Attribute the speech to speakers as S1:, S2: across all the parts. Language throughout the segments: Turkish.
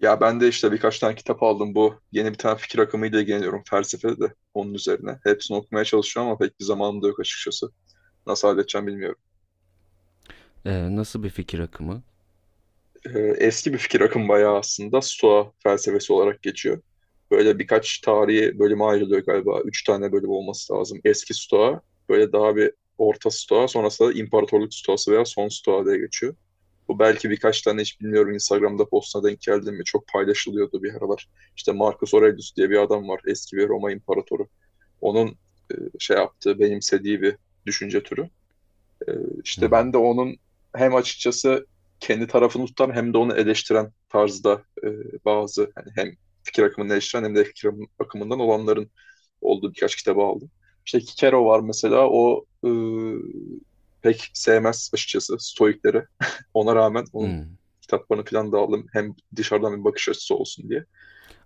S1: Ya ben de işte birkaç tane kitap aldım. Bu yeni bir tane fikir akımıyla ilgileniyorum felsefede de onun üzerine. Hepsini okumaya çalışıyorum ama pek bir zamanım da yok açıkçası. Nasıl halledeceğim bilmiyorum.
S2: Nasıl bir fikir akımı?
S1: Eski bir fikir akımı bayağı aslında Stoa felsefesi olarak geçiyor. Böyle birkaç tarihi bölüme ayrılıyor galiba. Üç tane bölüm olması lazım. Eski Stoa, böyle daha bir orta Stoa, sonrasında da İmparatorluk Stoası veya Son Stoa diye geçiyor. Bu belki birkaç tane hiç bilmiyorum Instagram'da postuna denk geldim mi? Çok paylaşılıyordu bir aralar. İşte Marcus Aurelius diye bir adam var. Eski bir Roma imparatoru. Onun şey yaptığı, benimsediği bir düşünce türü. Ee, işte ben de
S2: Hmm,
S1: onun hem açıkçası kendi tarafını tutan hem de onu eleştiren tarzda bazı hani hem fikir akımını eleştiren hem de fikir akımından olanların olduğu birkaç kitabı aldım. İşte Kikero var mesela o pek sevmez açıkçası Stoikleri. Ona rağmen onun
S2: hmm.
S1: kitaplarını falan da aldım. Hem dışarıdan bir bakış açısı olsun diye.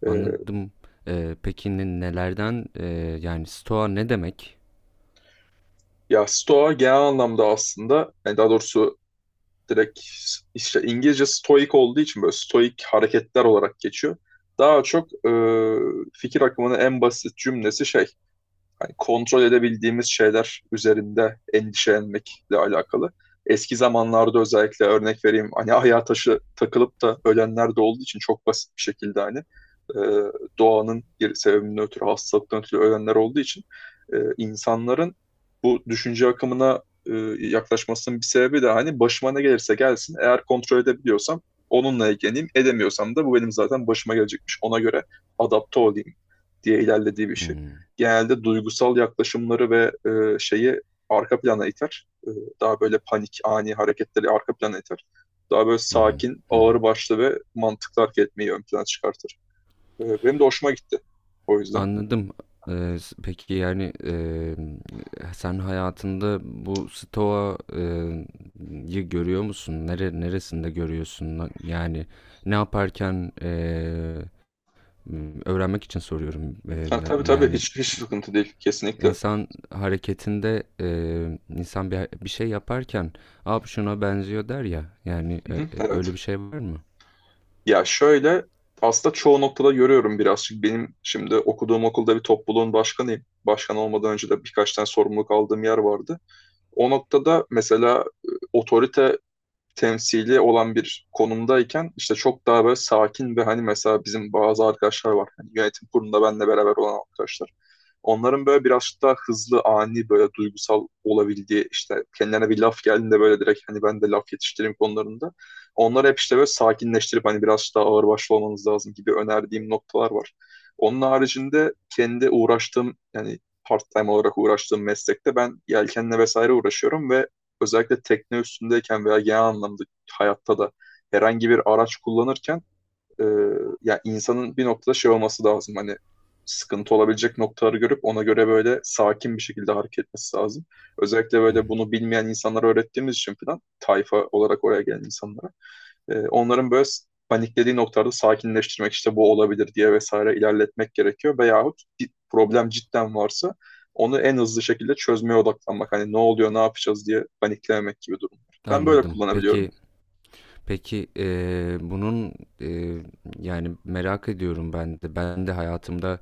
S1: E,
S2: Anladım. Peki nelerden yani stoa ne demek?
S1: ya Stoa genel anlamda aslında yani daha doğrusu direkt işte İngilizce stoik olduğu için böyle stoik hareketler olarak geçiyor. Daha çok fikir akımının en basit cümlesi şey hani kontrol edebildiğimiz şeyler üzerinde endişelenmekle alakalı. Eski zamanlarda özellikle örnek vereyim hani ayar taşı takılıp da ölenler de olduğu için çok basit bir şekilde hani e, doğanın bir sebebinden ötürü hastalıktan ötürü ölenler olduğu için insanların bu düşünce akımına yaklaşmasının bir sebebi de hani başıma ne gelirse gelsin eğer kontrol edebiliyorsam onunla ilgileneyim edemiyorsam da bu benim zaten başıma gelecekmiş ona göre adapte olayım diye ilerlediği bir şey
S2: Hmm,
S1: genelde duygusal yaklaşımları ve şeyi arka plana iter. Daha böyle panik, ani hareketleri arka plana iter. Daha böyle
S2: hı hı,
S1: sakin,
S2: hı hı.
S1: ağır başlı ve mantıklı hareket etmeyi ön plana çıkartır. Benim de hoşuma gitti o yüzden.
S2: Anladım. Peki yani sen hayatında bu stoa yı görüyor musun? Neresinde görüyorsun? Yani ne yaparken öğrenmek için soruyorum.
S1: Ha, tabii tabii,
S2: Yani
S1: hiç sıkıntı değil kesinlikle. Hı
S2: İnsan hareketinde insan bir şey yaparken "Aa şuna benziyor." der ya. Yani
S1: hı,
S2: öyle
S1: evet.
S2: bir şey var mı?
S1: Ya şöyle aslında çoğu noktada görüyorum birazcık. Benim şimdi okuduğum okulda bir topluluğun başkanıyım. Başkan olmadan önce de birkaç tane sorumluluk aldığım yer vardı. O noktada mesela otorite temsili olan bir konumdayken işte çok daha böyle sakin ve hani mesela bizim bazı arkadaşlar var. Hani yönetim kurulunda benle beraber olan arkadaşlar. Onların böyle biraz daha hızlı, ani böyle duygusal olabildiği işte kendilerine bir laf geldiğinde böyle direkt hani ben de laf yetiştireyim konularında. Onları hep işte böyle sakinleştirip hani biraz daha ağırbaşlı olmanız lazım gibi önerdiğim noktalar var. Onun haricinde kendi uğraştığım yani part-time olarak uğraştığım meslekte ben yelkenle vesaire uğraşıyorum ve özellikle tekne üstündeyken veya genel anlamda hayatta da herhangi bir araç kullanırken e, ya insanın bir noktada şey olması lazım. Hani sıkıntı olabilecek noktaları görüp ona göre böyle sakin bir şekilde hareket etmesi lazım. Özellikle
S2: Hı
S1: böyle
S2: hı.
S1: bunu bilmeyen insanlara öğrettiğimiz için falan tayfa olarak oraya gelen insanlara. Onların böyle paniklediği noktalarda sakinleştirmek işte bu olabilir diye vesaire ilerletmek gerekiyor. Veyahut bir problem cidden varsa onu en hızlı şekilde çözmeye odaklanmak. Hani ne oluyor, ne yapacağız diye paniklememek gibi durumlar. Ben böyle
S2: Anladım.
S1: kullanabiliyorum.
S2: Peki peki bunun e, yani merak ediyorum ben de. Ben de hayatımda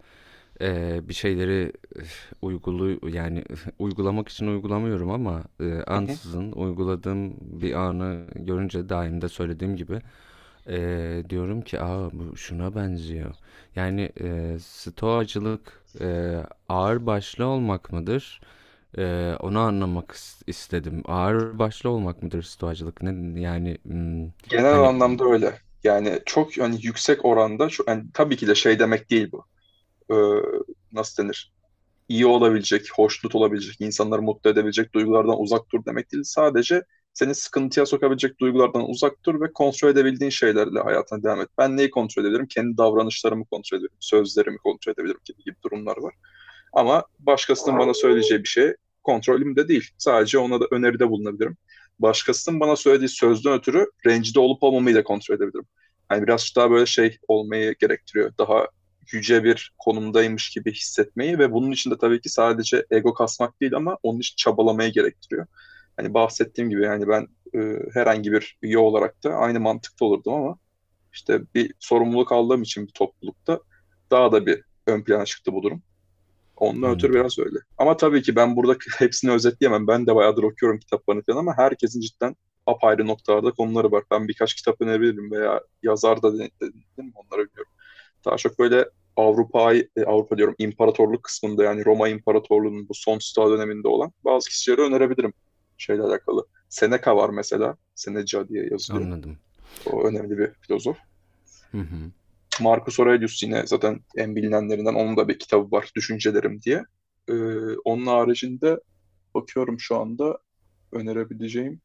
S2: bir şeyleri üf, uygulu yani üf, uygulamak için uygulamıyorum ama
S1: Hı hı.
S2: ansızın uyguladığım bir anı görünce daim de söylediğim gibi diyorum ki aa bu şuna benziyor. Yani stoacılık ağır başlı olmak mıdır? Onu anlamak istedim. Ağır başlı olmak mıdır stoacılık? Yani hmm,
S1: Genel
S2: hani
S1: anlamda öyle. Yani çok yani yüksek oranda şu, yani tabii ki de şey demek değil bu. Ee, nasıl denir? İyi olabilecek, hoşnut olabilecek, insanları mutlu edebilecek duygulardan uzak dur demek değil. Sadece seni sıkıntıya sokabilecek duygulardan uzak dur ve kontrol edebildiğin şeylerle hayatına devam et. Ben neyi kontrol edebilirim? Kendi davranışlarımı kontrol edebilirim, sözlerimi kontrol edebilirim gibi gibi durumlar var. Ama başkasının bana söyleyeceği bir şey kontrolümde değil. Sadece ona da öneride bulunabilirim. Başkasının bana söylediği sözden ötürü rencide olup olmamayı da kontrol edebilirim. Yani biraz daha böyle şey olmayı gerektiriyor. Daha yüce bir konumdaymış gibi hissetmeyi ve bunun için de tabii ki sadece ego kasmak değil ama onun için çabalamayı gerektiriyor. Hani bahsettiğim gibi yani ben e, herhangi bir üye olarak da aynı mantıkta olurdum ama işte bir sorumluluk aldığım için bir toplulukta daha da bir ön plana çıktı bu durum. Ondan ötürü
S2: anladım
S1: biraz öyle. Ama tabii ki ben burada hepsini özetleyemem. Ben de bayağıdır okuyorum kitaplarını falan ama herkesin cidden apayrı noktalarda konuları var. Ben birkaç kitap önerebilirim veya yazar da dedim mi onları biliyorum. Daha çok böyle Avrupa, Avrupa diyorum imparatorluk kısmında yani Roma İmparatorluğu'nun bu son Sta döneminde olan bazı kişileri önerebilirim şeyle alakalı. Seneca var mesela. Seneca diye yazılıyor.
S2: anladım.
S1: O önemli bir filozof.
S2: Hı hı.
S1: Marcus Aurelius yine zaten en bilinenlerinden onun da bir kitabı var Düşüncelerim diye. Ee, onun haricinde bakıyorum şu anda önerebileceğim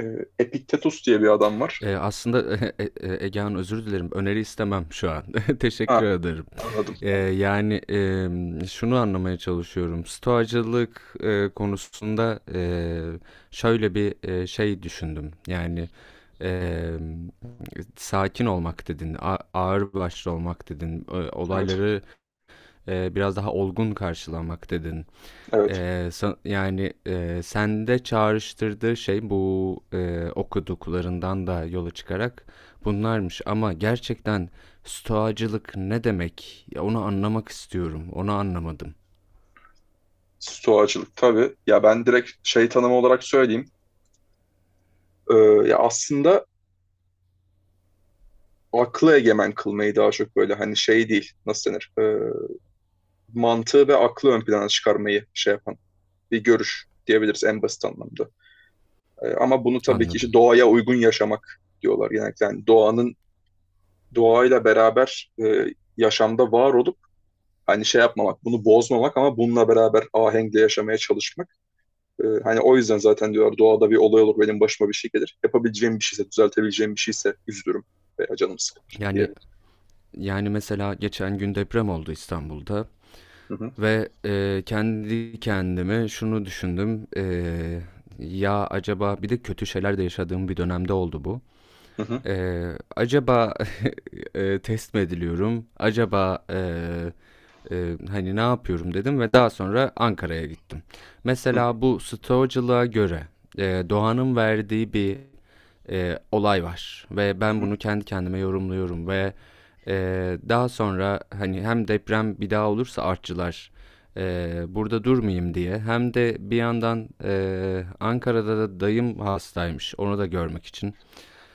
S1: e, Epiktetus diye bir adam var.
S2: Aslında Ege Hanım, özür dilerim. Öneri istemem şu an. Teşekkür
S1: Ha,
S2: ederim.
S1: anladım, anladım.
S2: Yani şunu anlamaya çalışıyorum. Stoacılık konusunda şöyle bir şey düşündüm. Yani em, sakin olmak dedin, ağır başlı olmak dedin,
S1: Evet,
S2: olayları biraz daha olgun karşılamak dedin.
S1: evet.
S2: Sende çağrıştırdığı şey bu, okuduklarından da yola çıkarak bunlarmış ama gerçekten stoacılık ne demek? Ya, onu anlamak istiyorum. Onu anlamadım.
S1: Stoacılık tabii. Ya ben direkt şey tanımı olarak söyleyeyim. Ee, ya aslında aklı egemen kılmayı daha çok böyle hani şey değil, nasıl denir? Mantığı ve aklı ön plana çıkarmayı şey yapan bir görüş diyebiliriz en basit anlamda. Ama bunu tabii ki işte
S2: Anladım.
S1: doğaya uygun yaşamak diyorlar genellikle. Yani doğanın doğayla beraber yaşamda var olup hani şey yapmamak, bunu bozmamak ama bununla beraber ahenkle yaşamaya çalışmak. Hani o yüzden zaten diyorlar doğada bir olay olur benim başıma bir şey gelir. Yapabileceğim bir şeyse, düzeltebileceğim bir şeyse üzülürüm veya canım sıkılır
S2: Yani
S1: diye.
S2: Yani, mesela geçen gün deprem oldu İstanbul'da
S1: Hı hı,
S2: ve, kendi kendime şunu düşündüm, "Ya, acaba." Bir de kötü şeyler de yaşadığım bir dönemde oldu bu.
S1: hı hı,
S2: Eee, acaba, test mi ediliyorum? Ne yapıyorum dedim ve daha sonra Ankara'ya gittim.
S1: hı
S2: Mesela bu stoacılığa göre, doğanın verdiği bir olay var ve ben
S1: hı,
S2: bunu kendi kendime yorumluyorum ve, daha sonra, hani, hem deprem bir daha olursa artçılar, burada durmayayım diye hem de bir yandan, Ankara'da da dayım hastaymış, onu da görmek için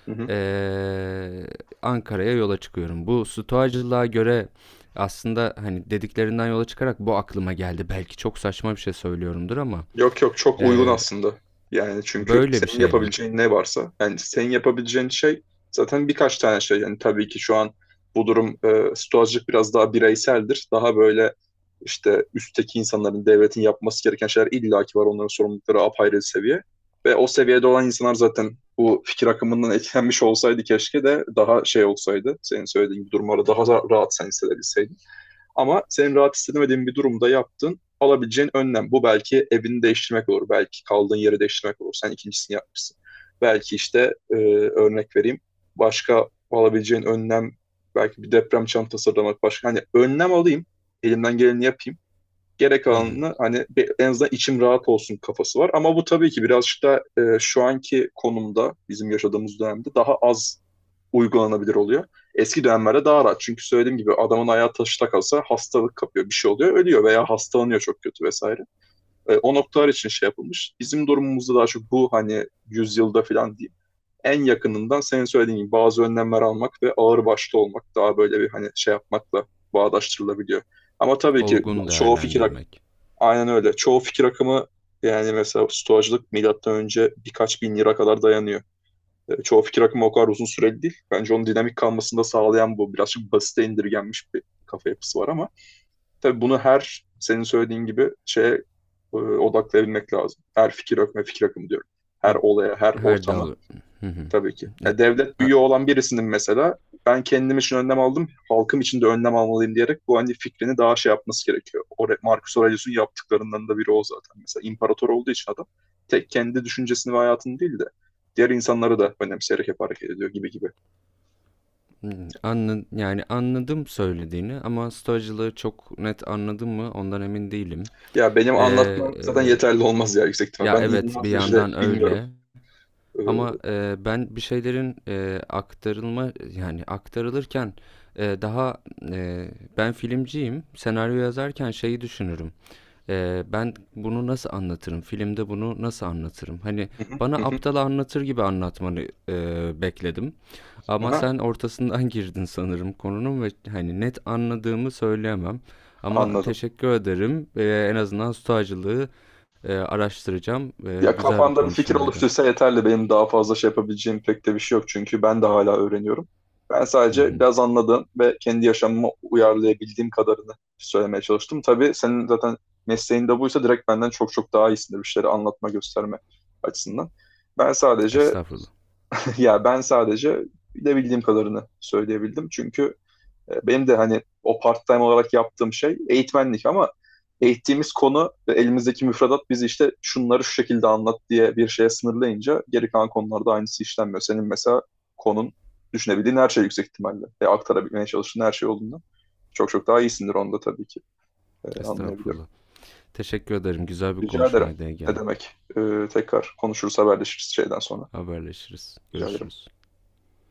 S1: hı hı.
S2: eee, Ankara'ya yola çıkıyorum. Bu stoacılığa göre aslında hani dediklerinden yola çıkarak bu aklıma geldi. Belki çok saçma bir şey söylüyorumdur ama
S1: Yok yok, çok uygun
S2: eee,
S1: aslında. Yani çünkü
S2: böyle bir
S1: senin
S2: şey mi?
S1: yapabileceğin ne varsa yani senin yapabileceğin şey zaten birkaç tane şey. Yani tabii ki şu an bu durum stoacılık biraz daha bireyseldir. Daha böyle işte üstteki insanların, devletin yapması gereken şeyler illaki var. Onların sorumlulukları apayrı bir seviye. Ve o seviyede olan insanlar zaten bu fikir akımından etkilenmiş olsaydı keşke de daha şey olsaydı. Senin söylediğin gibi durumları daha rahat sen hissedebilseydin. Ama senin rahat istemediğin bir durumda yaptın. Alabileceğin önlem. Bu belki evini değiştirmek olur. Belki kaldığın yeri değiştirmek olur. Sen ikincisini yapmışsın. Belki işte örnek vereyim. Başka alabileceğin önlem belki bir deprem çantası hazırlamak başka. Hani önlem alayım. Elimden geleni yapayım. Gerek
S2: Hı hı.
S1: alanını hani en azından içim rahat olsun kafası var. Ama bu tabii ki birazcık da şu anki konumda bizim yaşadığımız dönemde daha az uygulanabilir oluyor. Eski dönemlerde daha rahat. Çünkü söylediğim gibi adamın ayağı taşta kalsa hastalık kapıyor, bir şey oluyor, ölüyor veya hastalanıyor çok kötü vesaire. O noktalar için şey yapılmış. Bizim durumumuzda daha çok bu hani yüzyılda falan diyeyim. En yakınından senin söylediğin gibi bazı önlemler almak ve ağır başlı olmak daha böyle bir hani şey yapmakla bağdaştırılabiliyor. Ama tabii ki
S2: Olgun
S1: çoğu fikir akımı,
S2: değerlendirmek.
S1: aynen öyle. Çoğu fikir akımı yani mesela stoacılık milattan önce birkaç bin lira kadar dayanıyor. Çoğu fikir akımı o kadar uzun süreli değil. Bence onun dinamik kalmasını da sağlayan bu. Birazcık basite indirgenmiş bir kafa yapısı var ama tabii bunu her senin söylediğin gibi şeye odaklayabilmek lazım. Her fikir akımı fikir akımı diyorum. Her olaya, her
S2: Her
S1: ortama.
S2: dav... Hı hı.
S1: Tabii ki.
S2: E,
S1: Ya devlet
S2: a-
S1: büyüğü olan birisinin mesela ben kendim için önlem aldım, halkım için de önlem almalıyım diyerek bu hani fikrini daha şey yapması gerekiyor. O Marcus Aurelius'un yaptıklarından da biri o zaten. Mesela imparator olduğu için adam tek kendi düşüncesini ve hayatını değil de diğer insanları da önemseyerek hep hareket ediyor gibi gibi.
S2: hı, yani anladım söylediğini ama stoacılığı çok net anladım mı ondan emin değilim.
S1: Ya benim
S2: Eee,
S1: anlatmam zaten yeterli olmaz ya yüksek ihtimal.
S2: Ya
S1: Ben
S2: evet bir
S1: inanılmaz derecede
S2: yandan
S1: bilmiyorum.
S2: öyle.
S1: Hı
S2: Ama, ben bir şeylerin, aktarılma yani aktarılırken, eee, daha, eee, ben filmciyim. Senaryo yazarken şeyi düşünürüm. Ben bunu nasıl anlatırım? Filmde bunu nasıl anlatırım? Hani,
S1: hı,
S2: bana
S1: hı hı.
S2: aptal anlatır gibi anlatmanı, bekledim ama
S1: Aha,
S2: sen ortasından girdin sanırım konunun ve, hani, net anladığımı söyleyemem ama
S1: anladım.
S2: teşekkür ederim. En azından stoacılığı, araştıracağım.
S1: Ya
S2: Güzel bir
S1: kafanda bir fikir
S2: konuşmaydı.
S1: oluştuysa yeterli. Benim daha fazla şey yapabileceğim pek de bir şey yok. Çünkü ben de hala öğreniyorum. Ben
S2: Hı
S1: sadece
S2: hı.
S1: biraz anladığım ve kendi yaşamıma uyarlayabildiğim kadarını söylemeye çalıştım. Tabii senin zaten mesleğin de buysa direkt benden çok çok daha iyisindir bir şeyleri anlatma, gösterme açısından. Ben sadece
S2: Estağfurullah.
S1: ya ben sadece bilebildiğim kadarını söyleyebildim. Çünkü benim de hani o part-time olarak yaptığım şey eğitmenlik ama eğittiğimiz konu ve elimizdeki müfredat bizi işte şunları şu şekilde anlat diye bir şeye sınırlayınca geri kalan konularda aynısı işlenmiyor. Senin mesela konun düşünebildiğin her şey yüksek ihtimalle ve aktarabilmeye çalıştığın her şey olduğundan çok çok daha iyisindir onda tabii ki. Anlayabiliyorum.
S2: Estağfurullah. Teşekkür ederim. Güzel bir
S1: Rica ederim.
S2: konuşmaydı Ege
S1: Ne
S2: Hanım.
S1: demek? Tekrar konuşuruz, haberleşiriz şeyden sonra.
S2: Haberleşiriz.
S1: Rica ederim.
S2: Görüşürüz.